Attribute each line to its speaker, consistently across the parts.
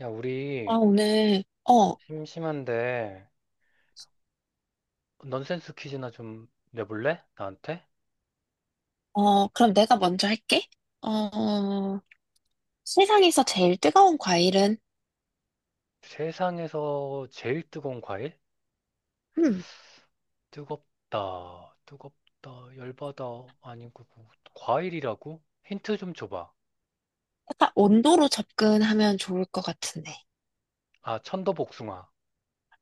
Speaker 1: 야,
Speaker 2: 아,
Speaker 1: 우리
Speaker 2: 오늘, 어,
Speaker 1: 심심한데 넌센스 퀴즈나 좀 내볼래? 나한테?
Speaker 2: 그럼 내가 먼저 할게. 어, 세상에서 제일 뜨거운 과일은?
Speaker 1: 세상에서 제일 뜨거운 과일?
Speaker 2: 음.
Speaker 1: 뜨겁다, 뜨겁다, 열받아. 아니고 과일이라고? 힌트 좀 줘봐.
Speaker 2: 약간 온도로 접근하면 좋을 것 같은데.
Speaker 1: 아, 천도복숭아.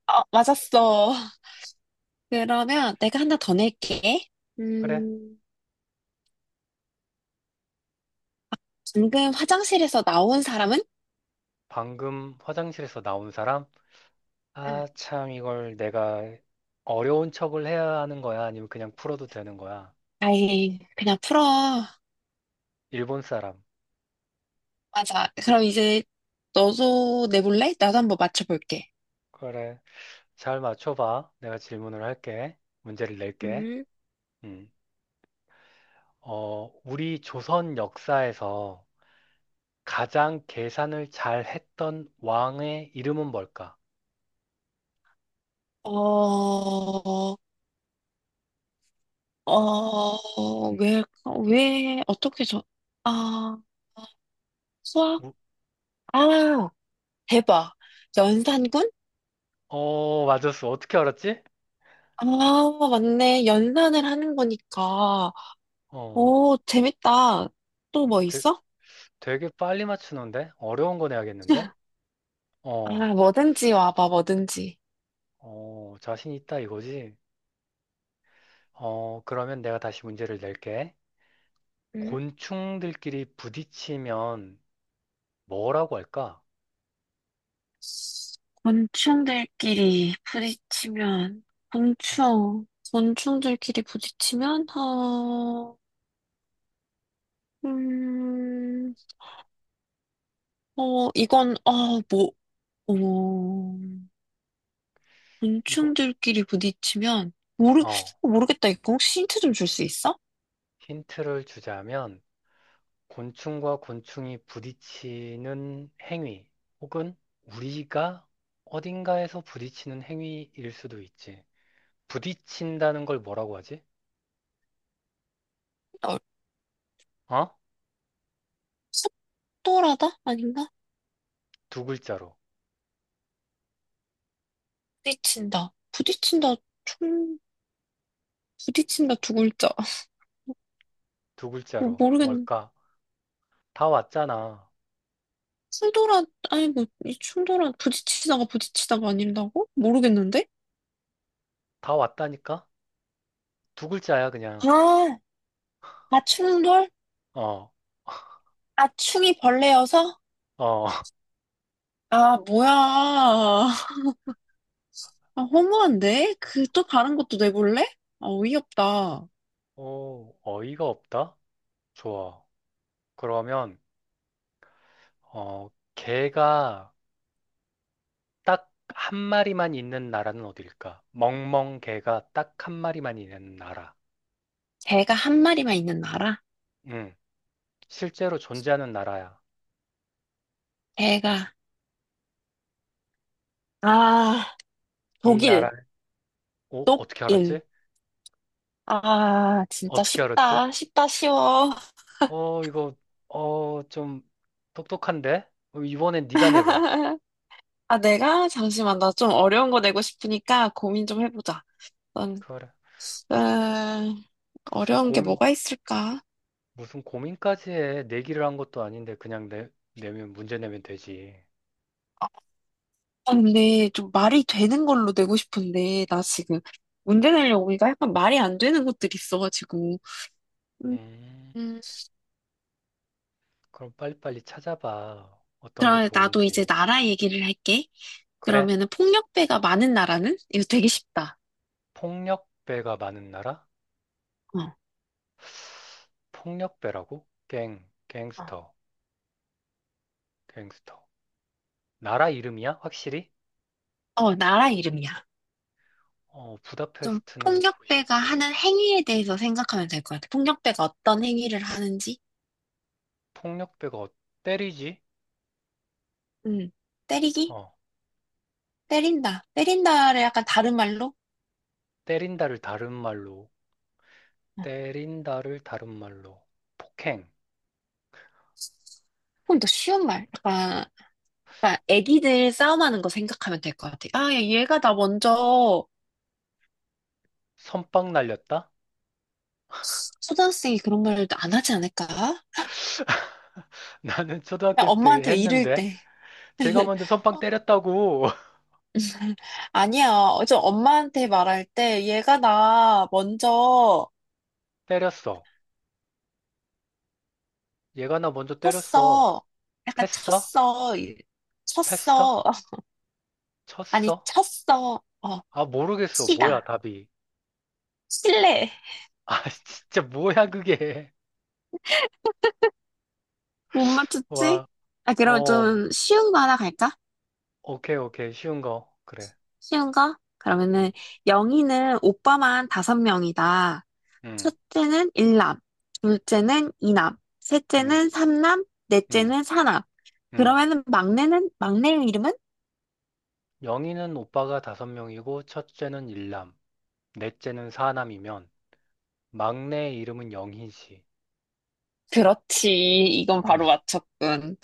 Speaker 2: 맞았어. 그러면 내가 하나 더 낼게.
Speaker 1: 그래?
Speaker 2: 음. 방금 화장실에서 나온 사람은?
Speaker 1: 방금 화장실에서 나온 사람?
Speaker 2: 응.
Speaker 1: 아, 참 이걸 내가 어려운 척을 해야 하는 거야? 아니면 그냥 풀어도 되는 거야?
Speaker 2: 아이, 그냥 풀어.
Speaker 1: 일본 사람.
Speaker 2: 맞아. 그럼 이제 너도 내볼래? 나도 한번 맞춰볼게.
Speaker 1: 그래. 잘 맞춰봐. 내가 질문을 할게. 문제를 낼게.
Speaker 2: 음,
Speaker 1: 음. 우리 조선 역사에서 가장 계산을 잘 했던 왕의 이름은 뭘까?
Speaker 2: 어, 어, 왜, 왜, 어떻게 저, 아, 수학?
Speaker 1: 우-
Speaker 2: 아, 대박. 연산군?
Speaker 1: 맞았어. 어떻게 알았지?
Speaker 2: 아, 맞네. 연산을 하는 거니까.
Speaker 1: 어,
Speaker 2: 오, 재밌다. 또 뭐
Speaker 1: 되,
Speaker 2: 있어?
Speaker 1: 되게 빨리 맞추는데? 어려운 거 내야겠는데?
Speaker 2: 아,
Speaker 1: 어,
Speaker 2: 뭐든지 와봐, 뭐든지.
Speaker 1: 자신 있다 이거지? 그러면 내가 다시 문제를 낼게.
Speaker 2: 음.
Speaker 1: 곤충들끼리 부딪히면 뭐라고 할까?
Speaker 2: 곤충들끼리 부딪히면, 곤충, 곤충들끼리 부딪히면, 음, 이건, 뭐, 어,
Speaker 1: 이거,
Speaker 2: 곤충들끼리 부딪히면 모르
Speaker 1: 어,
Speaker 2: 어, 모르겠다. 이거 혹시 힌트 좀 줄 수 있어?
Speaker 1: 힌트를 주자면, 곤충과 곤충이 부딪히는 행위 혹은 우리가 어딘가에서 부딪히는 행위일 수도 있지. 부딪힌다는 걸 뭐라고 하지?
Speaker 2: 어,
Speaker 1: 어?
Speaker 2: 속도라다? 아닌가?
Speaker 1: 두 글자로.
Speaker 2: 부딪힌다. 부딪힌다. 총 부딪힌다 두 글자.
Speaker 1: 두 글자로.
Speaker 2: 모르겠네.
Speaker 1: 뭘까? 다 왔잖아.
Speaker 2: 충돌한, 아니 뭐, 이 충돌한, 부딪히다가 부딪히다가 아닌다고? 모르겠는데?
Speaker 1: 다 왔다니까? 두 글자야, 그냥.
Speaker 2: 아, 충돌?
Speaker 1: 어,
Speaker 2: 아, 충이 벌레여서?
Speaker 1: 어.
Speaker 2: 아, 뭐야. 아, 허무한데? 그 또 다른 것도 내볼래? 아, 어이없다.
Speaker 1: 오, 어이가 없다? 좋아. 그러면, 어, 개가 딱 한 마리만 있는 나라는 어딜까? 멍멍 개가 딱 한 마리만 있는 나라.
Speaker 2: 개가 한 마리만 있는 나라?
Speaker 1: 응. 실제로 존재하는 나라야.
Speaker 2: 개가. 아,
Speaker 1: 이 나라,
Speaker 2: 독일,
Speaker 1: 어떻게 알았지?
Speaker 2: 독일. 아, 진짜
Speaker 1: 어떻게 알았지?
Speaker 2: 쉽다. 쉽다, 쉬워.
Speaker 1: 어, 이거, 좀 똑똑한데? 이번엔 네가 내봐.
Speaker 2: 아, 내가? 잠시만. 나 좀 어려운 거 내고 싶으니까 고민 좀 해보자. 넌,
Speaker 1: 그래.
Speaker 2: 어,
Speaker 1: 무슨
Speaker 2: 어려운 게
Speaker 1: 고민,
Speaker 2: 뭐가 있을까?
Speaker 1: 무슨 고민까지 해. 내기를 한 것도 아닌데, 내면, 문제 내면 되지.
Speaker 2: 아, 근데 좀 말이 되는 걸로 내고 싶은데, 나 지금 문제 내려고 하니까 약간 말이 안 되는 것들이 있어가지고. 음.
Speaker 1: 음,
Speaker 2: 음.
Speaker 1: 그럼 빨리빨리 찾아봐. 어떤 게
Speaker 2: 그럼 나도 이제
Speaker 1: 좋은지.
Speaker 2: 나라 얘기를 할게.
Speaker 1: 그래?
Speaker 2: 그러면은 폭력배가 많은 나라는? 이거 되게 쉽다.
Speaker 1: 폭력배가 많은 나라?
Speaker 2: 어,
Speaker 1: 폭력배라고?
Speaker 2: 어,
Speaker 1: 갱스터, 갱스터. 나라 이름이야? 확실히?
Speaker 2: 어, 나라 이름이야.
Speaker 1: 어,
Speaker 2: 좀
Speaker 1: 부다페스트는
Speaker 2: 폭력배가
Speaker 1: 도시고
Speaker 2: 하는 행위에 대해서 생각하면 될 것 같아. 폭력배가 어떤 행위를 하는지?
Speaker 1: 폭력배가 어- 때리지?
Speaker 2: 음, 때리기?
Speaker 1: 어,
Speaker 2: 때린다. 때린다를 약간 다른 말로?
Speaker 1: 때린다를 다른 말로
Speaker 2: 어,
Speaker 1: 때린다를 다른 말로 폭행,
Speaker 2: 조금 더 쉬운 말. 약간 그러니까 애기들 싸움하는 거 생각하면 될 것 같아. 아, 야, 얘가 나 먼저
Speaker 1: 선빵 날렸다?
Speaker 2: 초등학생이 그런 말을 안 하지 않을까? 그냥
Speaker 1: 나는 초등학생 때
Speaker 2: 엄마한테 이를
Speaker 1: 했는데
Speaker 2: 때.
Speaker 1: 제가 먼저 선빵
Speaker 2: 어.
Speaker 1: 때렸다고
Speaker 2: 아니야. 엄마한테 말할 때 얘가 나 먼저
Speaker 1: 때렸어. 얘가 나 먼저 때렸어.
Speaker 2: 쳤어. 약간
Speaker 1: 패어?
Speaker 2: 쳤어.
Speaker 1: 패어?
Speaker 2: 쳤어. 아니,
Speaker 1: 쳤어?
Speaker 2: 쳤어.
Speaker 1: 아 모르겠어. 뭐야
Speaker 2: 치다.
Speaker 1: 답이?
Speaker 2: 칠래.
Speaker 1: 아 진짜 뭐야 그게?
Speaker 2: 못 맞췄지?
Speaker 1: 와,
Speaker 2: 아, 그럼
Speaker 1: 어,
Speaker 2: 좀 쉬운 거 하나 갈까?
Speaker 1: 오케이 오케이 쉬운 거 그래.
Speaker 2: 쉬운 거?
Speaker 1: 음,
Speaker 2: 그러면은 영희는 오빠만 다섯 명이다.
Speaker 1: 음,
Speaker 2: 첫째는 일남, 둘째는 이남,
Speaker 1: 음,
Speaker 2: 셋째는 삼남,
Speaker 1: 음.
Speaker 2: 넷째는 사남.
Speaker 1: 음.
Speaker 2: 그러면은 막내 이름은?
Speaker 1: 영희는 오빠가 다섯 명이고 첫째는 일남, 넷째는 사남이면 막내의 이름은 영희지.
Speaker 2: 그렇지. 이건
Speaker 1: 음.
Speaker 2: 바로 맞췄군.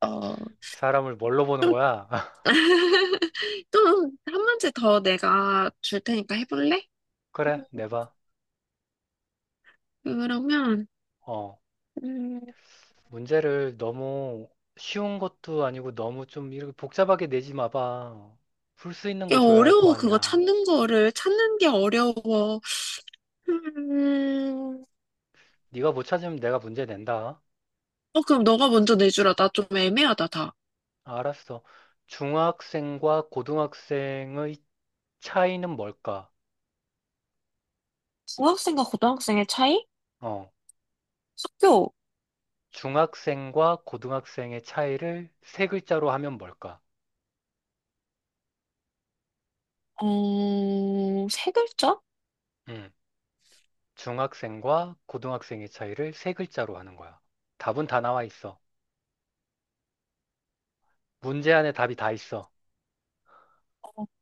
Speaker 2: 어.
Speaker 1: 사람을 뭘로 보는 거야?
Speaker 2: 또 한 문제 더 내가 줄 테니까 해볼래?
Speaker 1: 그래, 내봐.
Speaker 2: 그러면,
Speaker 1: 어,
Speaker 2: 음,
Speaker 1: 문제를 너무 쉬운 것도 아니고 너무 좀 이렇게 복잡하게 내지 마봐. 풀 수 있는
Speaker 2: 이게
Speaker 1: 걸 줘야 할 거
Speaker 2: 어려워. 그거
Speaker 1: 아니야.
Speaker 2: 찾는 거를 찾는 게 어려워. 음,
Speaker 1: 네가 못 찾으면 내가 문제 낸다.
Speaker 2: 그럼 너가 먼저 내주라. 나 좀 애매하다, 다.
Speaker 1: 알았어. 중학생과 고등학생의 차이는 뭘까?
Speaker 2: 중학생과 고등학생의 차이?
Speaker 1: 어
Speaker 2: 학교,
Speaker 1: 중학생과 고등학생의 차이를 세 글자로 하면 뭘까?
Speaker 2: 세 글자?
Speaker 1: 음, 중학생과 고등학생의 차이를 세 글자로 하는 거야. 답은 다 나와 있어. 문제 안에 답이 다 있어.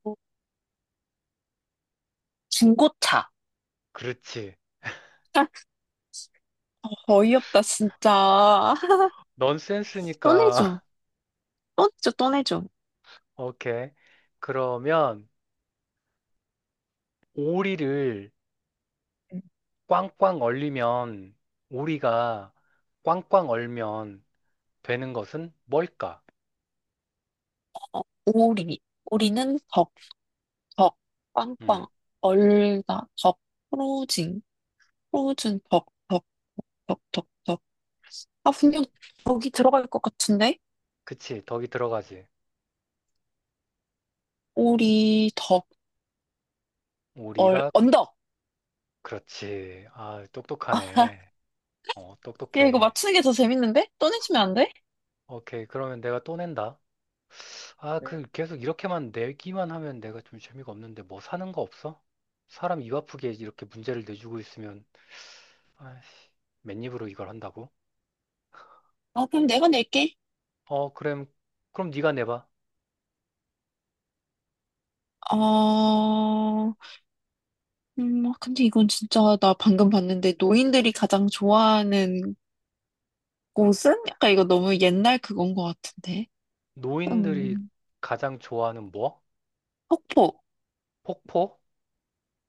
Speaker 2: 어, 중고차.
Speaker 1: 그렇지.
Speaker 2: 어이없다, 진짜. 떠내줘.
Speaker 1: 넌센스니까.
Speaker 2: 떠내줘, 떠내줘.
Speaker 1: 오케이. 그러면 오리를 꽝꽝 얼리면 오리가 꽝꽝 얼면 되는 것은 뭘까?
Speaker 2: 오리. 오리는 덕, 덕,
Speaker 1: 음,
Speaker 2: 꽝꽝. 얼다, 덕, 프로징, 프로즌, 덕, 덕, 덕, 덕, 덕. 아, 분명 덕이 들어갈 것 같은데?
Speaker 1: 그치. 덕이 들어가지.
Speaker 2: 오리, 덕, 얼,
Speaker 1: 오리가
Speaker 2: 언덕.
Speaker 1: 그렇지. 아, 똑똑하네. 어,
Speaker 2: 야, 이거
Speaker 1: 똑똑해.
Speaker 2: 맞추는 게 더 재밌는데? 떠내주면 안 돼?
Speaker 1: 오케이. 그러면 내가 또 낸다. 아, 그 계속 이렇게만 내기만 하면 내가 좀 재미가 없는데 뭐 사는 거 없어? 사람 입 아프게 이렇게 문제를 내주고 있으면 아이씨, 맨입으로 이걸 한다고?
Speaker 2: 어, 그럼 내가 낼게.
Speaker 1: 어, 그럼 그럼 네가 내봐.
Speaker 2: 아, 근데 이건 진짜 나 방금 봤는데 노인들이 가장 좋아하는 곳은? 약간 이거 너무 옛날 그건 것 같은데.
Speaker 1: 노인들이
Speaker 2: 음,
Speaker 1: 가장 좋아하는 뭐?
Speaker 2: 폭포.
Speaker 1: 폭포?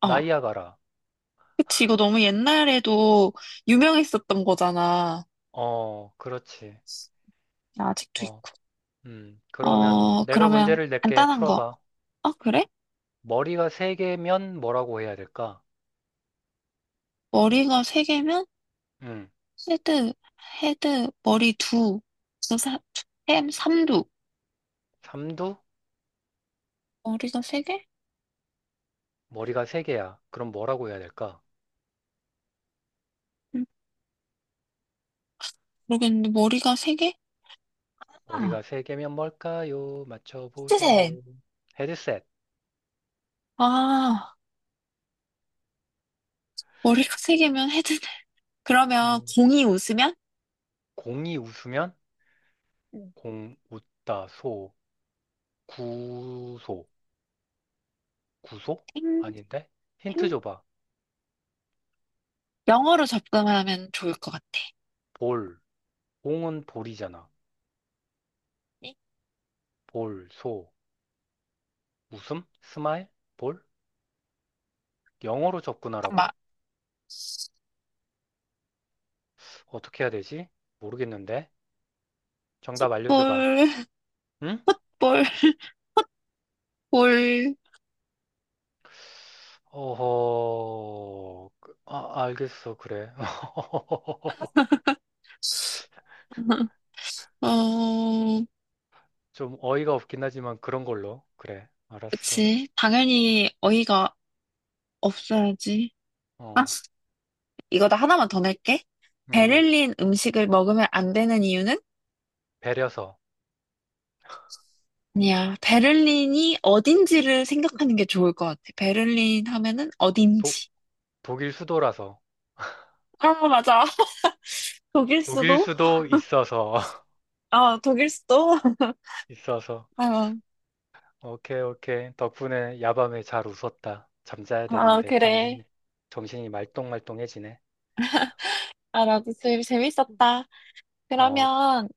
Speaker 2: 아,
Speaker 1: 나이아가라.
Speaker 2: 그치. 이거 너무 옛날에도 유명했었던 거잖아.
Speaker 1: 어, 그렇지.
Speaker 2: 아직도
Speaker 1: 어,
Speaker 2: 있고.
Speaker 1: 그러면 내가
Speaker 2: 그러면
Speaker 1: 문제를 낼게.
Speaker 2: 간단한 거.
Speaker 1: 풀어봐.
Speaker 2: 아, 그래?
Speaker 1: 머리가 세 개면 뭐라고 해야 될까?
Speaker 2: 머리가 세 개면
Speaker 1: 음.
Speaker 2: 헤드, 헤드, 머리 두, 두, 사, 두, 햄, 삼두.
Speaker 1: 삼두?
Speaker 2: 머리가 세 개?
Speaker 1: 머리가 세 개야. 그럼 뭐라고 해야 될까?
Speaker 2: 음, 모르겠는데 머리가 세 개? 아,
Speaker 1: 머리가 세 개면 뭘까요?
Speaker 2: 히트셋.
Speaker 1: 맞춰보세요. 헤드셋.
Speaker 2: 아, 머리가 세 개면 헤드. 그러면
Speaker 1: 음.
Speaker 2: 공이 웃으면
Speaker 1: 공이 웃으면
Speaker 2: 음.
Speaker 1: 공 웃다 소 구소 구소?
Speaker 2: 탱,
Speaker 1: 아닌데? 힌트
Speaker 2: 탱.
Speaker 1: 줘봐.
Speaker 2: 영어로 접근하면 좋을 것 같아.
Speaker 1: 볼. 공은 볼이잖아. 볼, 소, 웃음, 스마일, 볼? 영어로 접근하라고?
Speaker 2: 잠깐만.
Speaker 1: 어떻게 해야 되지? 모르겠는데. 정답 알려줘봐.
Speaker 2: 볼,
Speaker 1: 응?
Speaker 2: 볼, 볼.
Speaker 1: 알겠어. 그래.
Speaker 2: 어,
Speaker 1: 좀 어이가 없긴 하지만 그런 걸로. 그래, 알았어.
Speaker 2: 그치. 당연히 어이가 없어야지. 아,
Speaker 1: 어,
Speaker 2: 이거 나 하나만 더 낼게.
Speaker 1: 음,
Speaker 2: 베를린 음식을 먹으면 안 되는 이유는?
Speaker 1: 배려서.
Speaker 2: 아니야. 베를린이 어딘지를 생각하는 게 좋을 것 같아. 베를린 하면은
Speaker 1: 도,
Speaker 2: 어딘지.
Speaker 1: 독일 수도라서.
Speaker 2: 아, 맞아. 독일
Speaker 1: 독일
Speaker 2: 수도?
Speaker 1: 수도 있어서.
Speaker 2: 아, 독일 수도?
Speaker 1: 있어서.
Speaker 2: 아,
Speaker 1: 오케이, 오케이. 덕분에 야밤에 잘 웃었다.
Speaker 2: 아, 그래.
Speaker 1: 정신이 말똥말똥해지네.
Speaker 2: 아, 나도 되 재밌었다.
Speaker 1: 어,
Speaker 2: 그러면,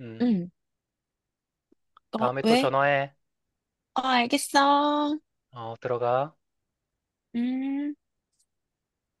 Speaker 1: 음,
Speaker 2: 음,
Speaker 1: 다음에 또
Speaker 2: 왜?
Speaker 1: 전화해.
Speaker 2: 어, 알겠어.
Speaker 1: 어, 들어가.
Speaker 2: 음.